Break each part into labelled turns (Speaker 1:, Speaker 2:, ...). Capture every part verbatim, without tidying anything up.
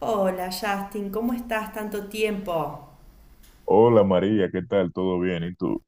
Speaker 1: Hola Justin, ¿cómo estás? Tanto tiempo.
Speaker 2: Hola María, ¿qué tal? ¿Todo bien? ¿Y tú?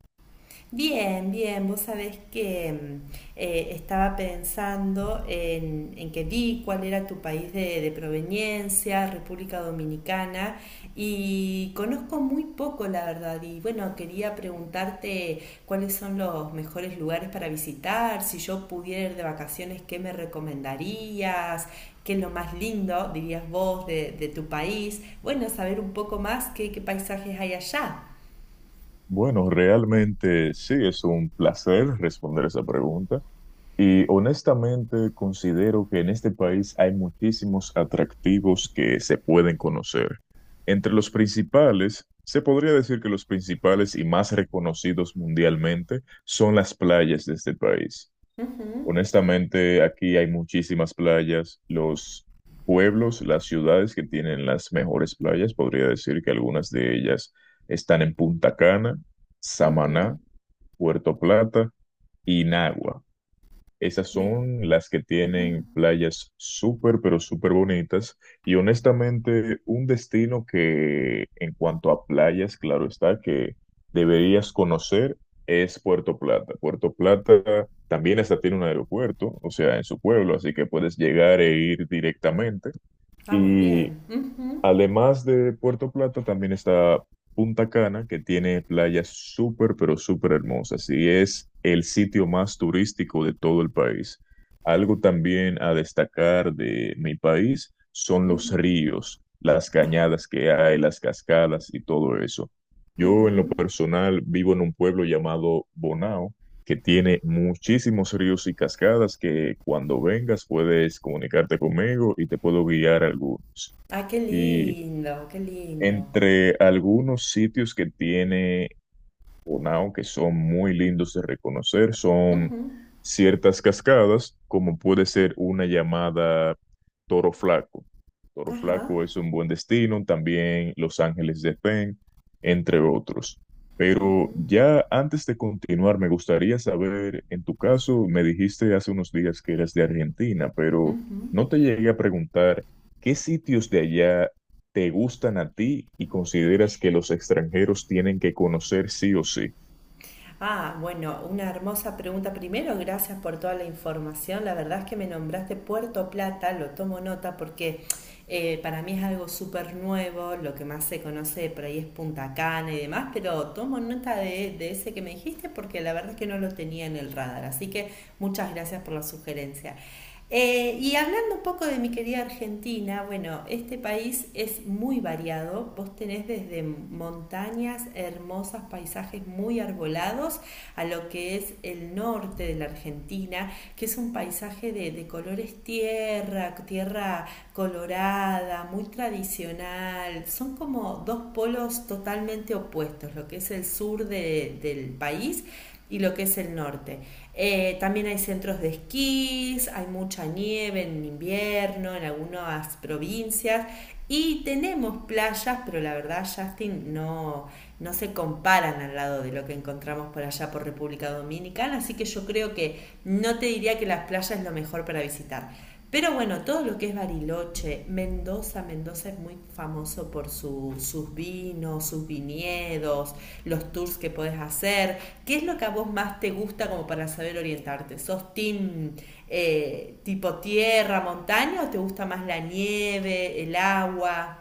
Speaker 1: Bien, bien, vos sabés que mm, eh, estaba pensando en, en que vi cuál era tu país de, de proveniencia, República Dominicana, y conozco muy poco, la verdad, y bueno, quería preguntarte cuáles son los mejores lugares para visitar. Si yo pudiera ir de vacaciones, ¿qué me recomendarías? ¿Qué es lo más lindo, dirías vos, de, de tu país? Bueno, saber un poco más qué, qué paisajes hay allá.
Speaker 2: Bueno, realmente sí, es un placer responder esa pregunta. Y honestamente considero que en este país hay muchísimos atractivos que se pueden conocer. Entre los principales, se podría decir que los principales y más reconocidos mundialmente son las playas de este país.
Speaker 1: Ujú,
Speaker 2: Honestamente, aquí hay muchísimas playas. Los pueblos, las ciudades que tienen las mejores playas, podría decir que algunas de ellas están en Punta Cana,
Speaker 1: ujú.
Speaker 2: Samaná, Puerto Plata y Nagua. Esas son las que tienen playas súper, pero súper bonitas. Y honestamente, un destino que en cuanto a playas, claro está, que deberías conocer es Puerto Plata. Puerto Plata también hasta tiene un aeropuerto, o sea, en su pueblo, así que puedes llegar e ir directamente.
Speaker 1: Ah, muy
Speaker 2: Y
Speaker 1: bien. Ujú,
Speaker 2: Además de Puerto Plata, también está Punta Cana, que tiene playas súper, pero súper hermosas y es el sitio más turístico de todo el país. Algo también a destacar de mi país son los ríos, las cañadas que hay, las cascadas y todo eso. Yo
Speaker 1: ujú.
Speaker 2: en lo personal vivo en un pueblo llamado Bonao, que tiene muchísimos ríos y cascadas que cuando vengas puedes comunicarte conmigo y te puedo guiar algunos.
Speaker 1: Ay, qué
Speaker 2: Y
Speaker 1: lindo, qué lindo.
Speaker 2: entre algunos sitios que tiene Bonao que son muy lindos de reconocer, son
Speaker 1: Ujú,
Speaker 2: ciertas cascadas, como puede ser una llamada Toro Flaco. Toro
Speaker 1: ajá,
Speaker 2: Flaco es un buen destino, también Los Ángeles de Pen, entre otros. Pero ya antes de continuar, me gustaría saber, en tu caso, me dijiste hace unos días que eras de Argentina, pero
Speaker 1: ujú.
Speaker 2: no te llegué a preguntar ¿qué sitios de allá te gustan a ti y consideras que los extranjeros tienen que conocer sí o sí?
Speaker 1: Ah, bueno, una hermosa pregunta. Primero, gracias por toda la información. La verdad es que me nombraste Puerto Plata, lo tomo nota porque eh, para mí es algo súper nuevo. Lo que más se conoce por ahí es Punta Cana y demás, pero tomo nota de, de ese que me dijiste porque la verdad es que no lo tenía en el radar. Así que muchas gracias por la sugerencia. Eh, y hablando un poco de mi querida Argentina, bueno, este país es muy variado. Vos tenés desde montañas hermosas, paisajes muy arbolados, a lo que es el norte de la Argentina, que es un paisaje de, de colores tierra, tierra colorada, muy tradicional. Son como dos polos totalmente opuestos, lo que es el sur de- del país y lo que es el norte. Eh, también hay centros de esquís, hay mucha nieve en invierno en algunas provincias y tenemos playas, pero la verdad, Justin, no, no se comparan al lado de lo que encontramos por allá por República Dominicana, así que yo creo que no te diría que las playas es lo mejor para visitar. Pero bueno, todo lo que es Bariloche, Mendoza. Mendoza es muy famoso por su- sus vinos, sus viñedos, los tours que podés hacer. ¿Qué es lo que a vos más te gusta como para saber orientarte? ¿Sos team eh, tipo tierra, montaña, o te gusta más la nieve, el agua?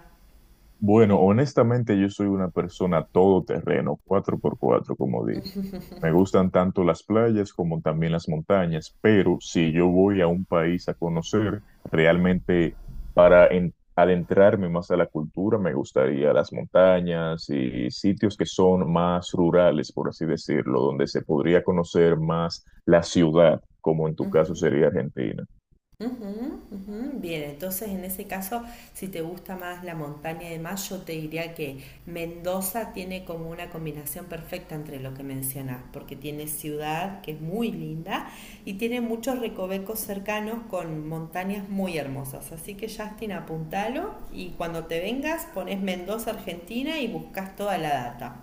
Speaker 2: Bueno, honestamente yo soy una persona todoterreno, cuatro por cuatro como dice. Me gustan tanto las playas como también las montañas, pero si yo voy a un país a conocer, realmente para en- adentrarme más a la cultura, me gustaría las montañas y sitios que son más rurales, por así decirlo, donde se podría conocer más la ciudad, como en tu caso
Speaker 1: Ujú.
Speaker 2: sería Argentina.
Speaker 1: Ujú, ujú. Bien, entonces en ese caso, si te gusta más la montaña de más, yo te diría que Mendoza tiene como una combinación perfecta entre lo que mencionas, porque tiene ciudad que es muy linda y tiene muchos recovecos cercanos con montañas muy hermosas. Así que Justin, apuntalo y cuando te vengas pones Mendoza, Argentina y buscas toda la data.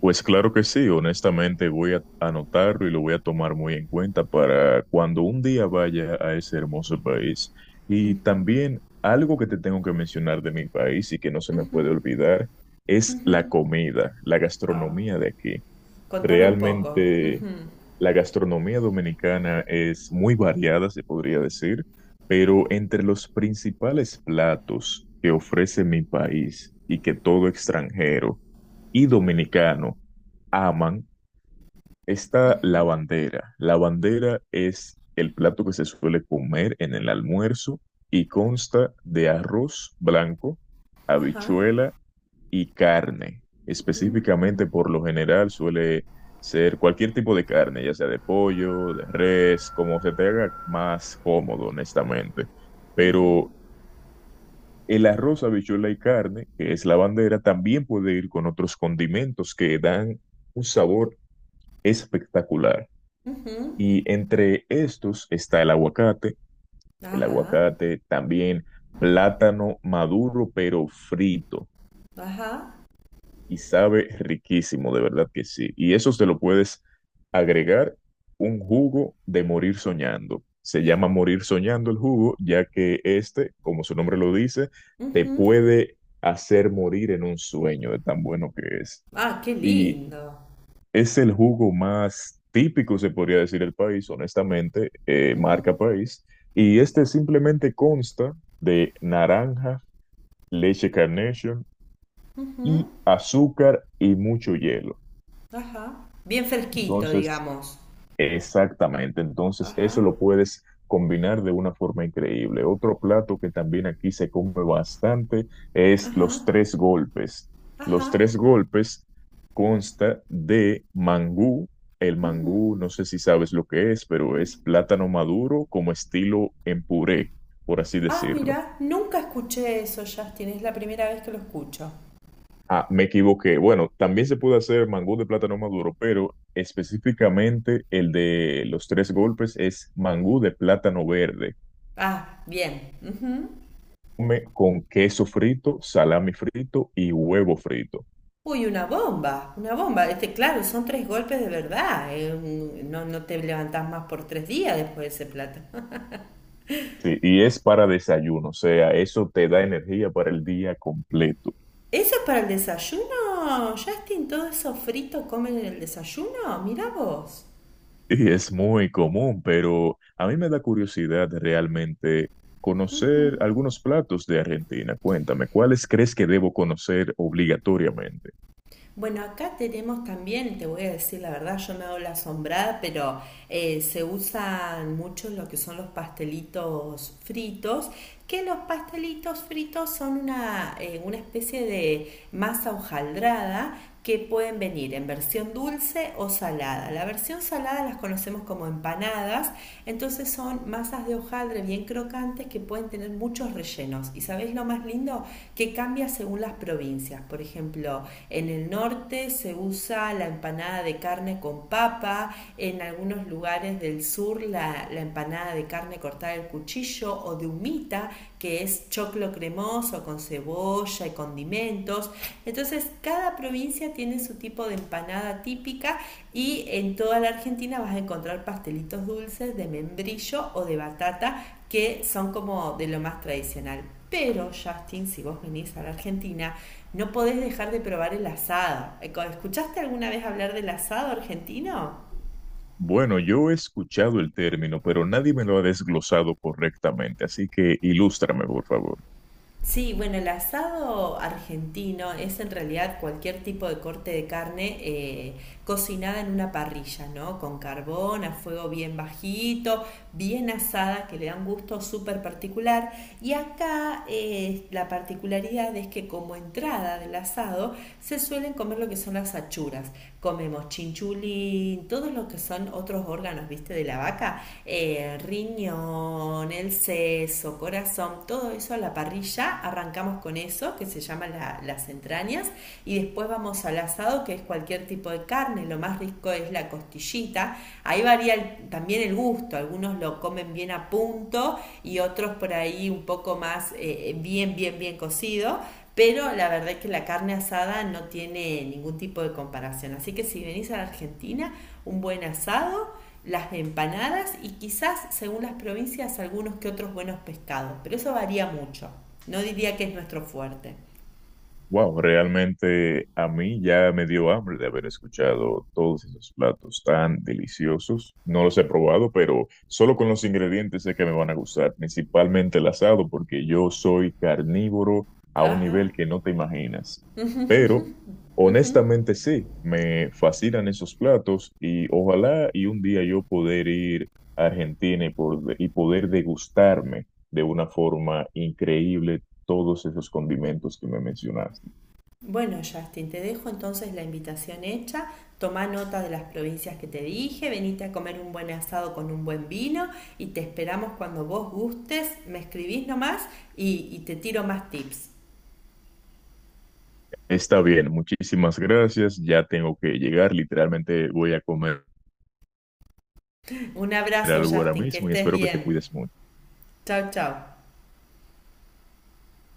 Speaker 2: Pues claro que sí, honestamente voy a anotarlo y lo voy a tomar muy en cuenta para cuando un día vaya a ese hermoso país. Y también algo que te tengo que mencionar de mi país y que no se me puede olvidar es la comida, la
Speaker 1: Ah,
Speaker 2: gastronomía de aquí.
Speaker 1: contame un poco.
Speaker 2: Realmente la gastronomía dominicana es muy variada, se podría decir, pero entre los principales platos que ofrece mi país y que todo extranjero y dominicano aman esta bandera. La bandera es el plato que se suele comer en el almuerzo y consta de arroz blanco,
Speaker 1: Ajá,
Speaker 2: habichuela y carne. Específicamente, por lo general, suele ser cualquier tipo de carne, ya sea de pollo, de res, como se te haga más cómodo, honestamente. Pero el arroz, habichuela y carne, que es la bandera, también puede ir con otros condimentos que dan un sabor espectacular.
Speaker 1: ujú,
Speaker 2: Y entre estos está el aguacate, el
Speaker 1: ajá,
Speaker 2: aguacate también plátano maduro pero frito
Speaker 1: ajá,
Speaker 2: y sabe riquísimo, de verdad que sí. Y eso te lo puedes agregar un jugo de morir soñando. Se llama morir soñando el jugo, ya que este, como su nombre lo dice, te
Speaker 1: ujú.
Speaker 2: puede hacer morir en un sueño de tan bueno que es.
Speaker 1: Ah, qué
Speaker 2: Y
Speaker 1: lindo.
Speaker 2: Es el jugo más típico, se podría decir, del país, honestamente, eh, marca país. Y este simplemente consta de naranja, leche Carnation y azúcar y mucho hielo.
Speaker 1: Ajá. Bien fresquito,
Speaker 2: Entonces,
Speaker 1: digamos.
Speaker 2: Exactamente, entonces
Speaker 1: Ajá,
Speaker 2: eso lo puedes combinar de una forma increíble. Otro plato que también aquí se come bastante es los tres golpes. Los
Speaker 1: ajá.
Speaker 2: tres golpes consta de mangú. El mangú, no sé si sabes lo que es, pero es plátano maduro como estilo en puré, por así
Speaker 1: Ah,
Speaker 2: decirlo.
Speaker 1: mira, nunca escuché eso, Justin. Es la primera vez que lo escucho.
Speaker 2: Ah, me equivoqué. Bueno, también se puede hacer mangú de plátano maduro, pero específicamente el de los tres golpes es mangú de plátano verde
Speaker 1: Ah, bien. Ujú.
Speaker 2: come con queso frito, salami frito y huevo frito.
Speaker 1: Uy, una bomba, una bomba. Este, claro, son tres golpes de verdad. eh, un- No, no te levantás más por tres días después de ese plato.
Speaker 2: Sí, y es para desayuno, o sea, eso te da energía para el día completo.
Speaker 1: ¿Eso es para el desayuno, Justin? ¿Todo eso frito comen en el desayuno? Mira vos.
Speaker 2: Y es muy común, pero a mí me da curiosidad realmente conocer algunos platos de Argentina. Cuéntame, ¿cuáles crees que debo conocer obligatoriamente?
Speaker 1: Bueno, acá tenemos también, te voy a decir la verdad, yo me hago la asombrada, pero eh, se usan mucho lo que son los pastelitos fritos, que los pastelitos fritos son una, eh, una especie de masa hojaldrada que pueden venir en versión dulce o salada. La versión salada las conocemos como empanadas, entonces son masas de hojaldre bien crocantes que pueden tener muchos rellenos. ¿Y sabéis lo más lindo? Que cambia según las provincias. Por ejemplo, en el norte se usa la empanada de carne con papa, en algunos lugares del sur la, la empanada de carne cortada al cuchillo o de humita, que es choclo cremoso con cebolla y condimentos. Entonces, cada provincia tiene su tipo de empanada típica y en toda la Argentina vas a encontrar pastelitos dulces de membrillo o de batata que son como de lo más tradicional. Pero, Justin, si vos venís a la Argentina, no podés dejar de probar el asado. ¿Escuchaste alguna vez hablar del asado argentino?
Speaker 2: Bueno, yo he escuchado el término, pero nadie me lo ha desglosado correctamente, así que ilústrame, por favor.
Speaker 1: Sí, bueno, el asado argentino es en realidad cualquier tipo de corte de carne eh, cocinada en una parrilla, ¿no? Con carbón, a fuego bien bajito, bien asada, que le da un gusto súper particular. Y acá eh, la particularidad es que como entrada del asado se suelen comer lo que son las achuras. Comemos chinchulín, todos los que son otros órganos, viste, de la vaca, eh, riñón, pulmón, el seso, corazón, todo eso a la parrilla, arrancamos con eso, que se llama la- las entrañas, y después vamos al asado, que es cualquier tipo de carne. Lo más rico es la costillita, ahí varía el- también el gusto, algunos lo comen bien a punto y otros por ahí un poco más eh, bien, bien, bien cocido, pero la verdad es que la carne asada no tiene ningún tipo de comparación. Así que si venís a la Argentina, un buen asado, las de empanadas y quizás, según las provincias, algunos que otros buenos pescados, pero eso varía mucho. No diría que es nuestro fuerte.
Speaker 2: Wow, realmente a mí ya me dio hambre de haber escuchado todos esos platos tan deliciosos. No los he probado, pero solo con los ingredientes sé que me van a gustar, principalmente el asado, porque yo soy carnívoro a un
Speaker 1: Ajá.
Speaker 2: nivel que no te imaginas. Pero honestamente sí, me fascinan esos platos y ojalá y un día yo poder ir a Argentina y, por- y poder degustarme de una forma increíble todos esos condimentos que me mencionaste.
Speaker 1: Bueno, Justin, te dejo entonces la invitación hecha. Tomá nota de las provincias que te dije, venite a comer un buen asado con un buen vino y te esperamos cuando vos gustes. Me escribís nomás y, y te tiro más tips.
Speaker 2: Está bien, muchísimas gracias. Ya tengo que llegar. Literalmente voy a comer
Speaker 1: Un abrazo,
Speaker 2: algo ahora
Speaker 1: Justin, que
Speaker 2: mismo y
Speaker 1: estés
Speaker 2: espero que te
Speaker 1: bien.
Speaker 2: cuides mucho.
Speaker 1: Chau, chau.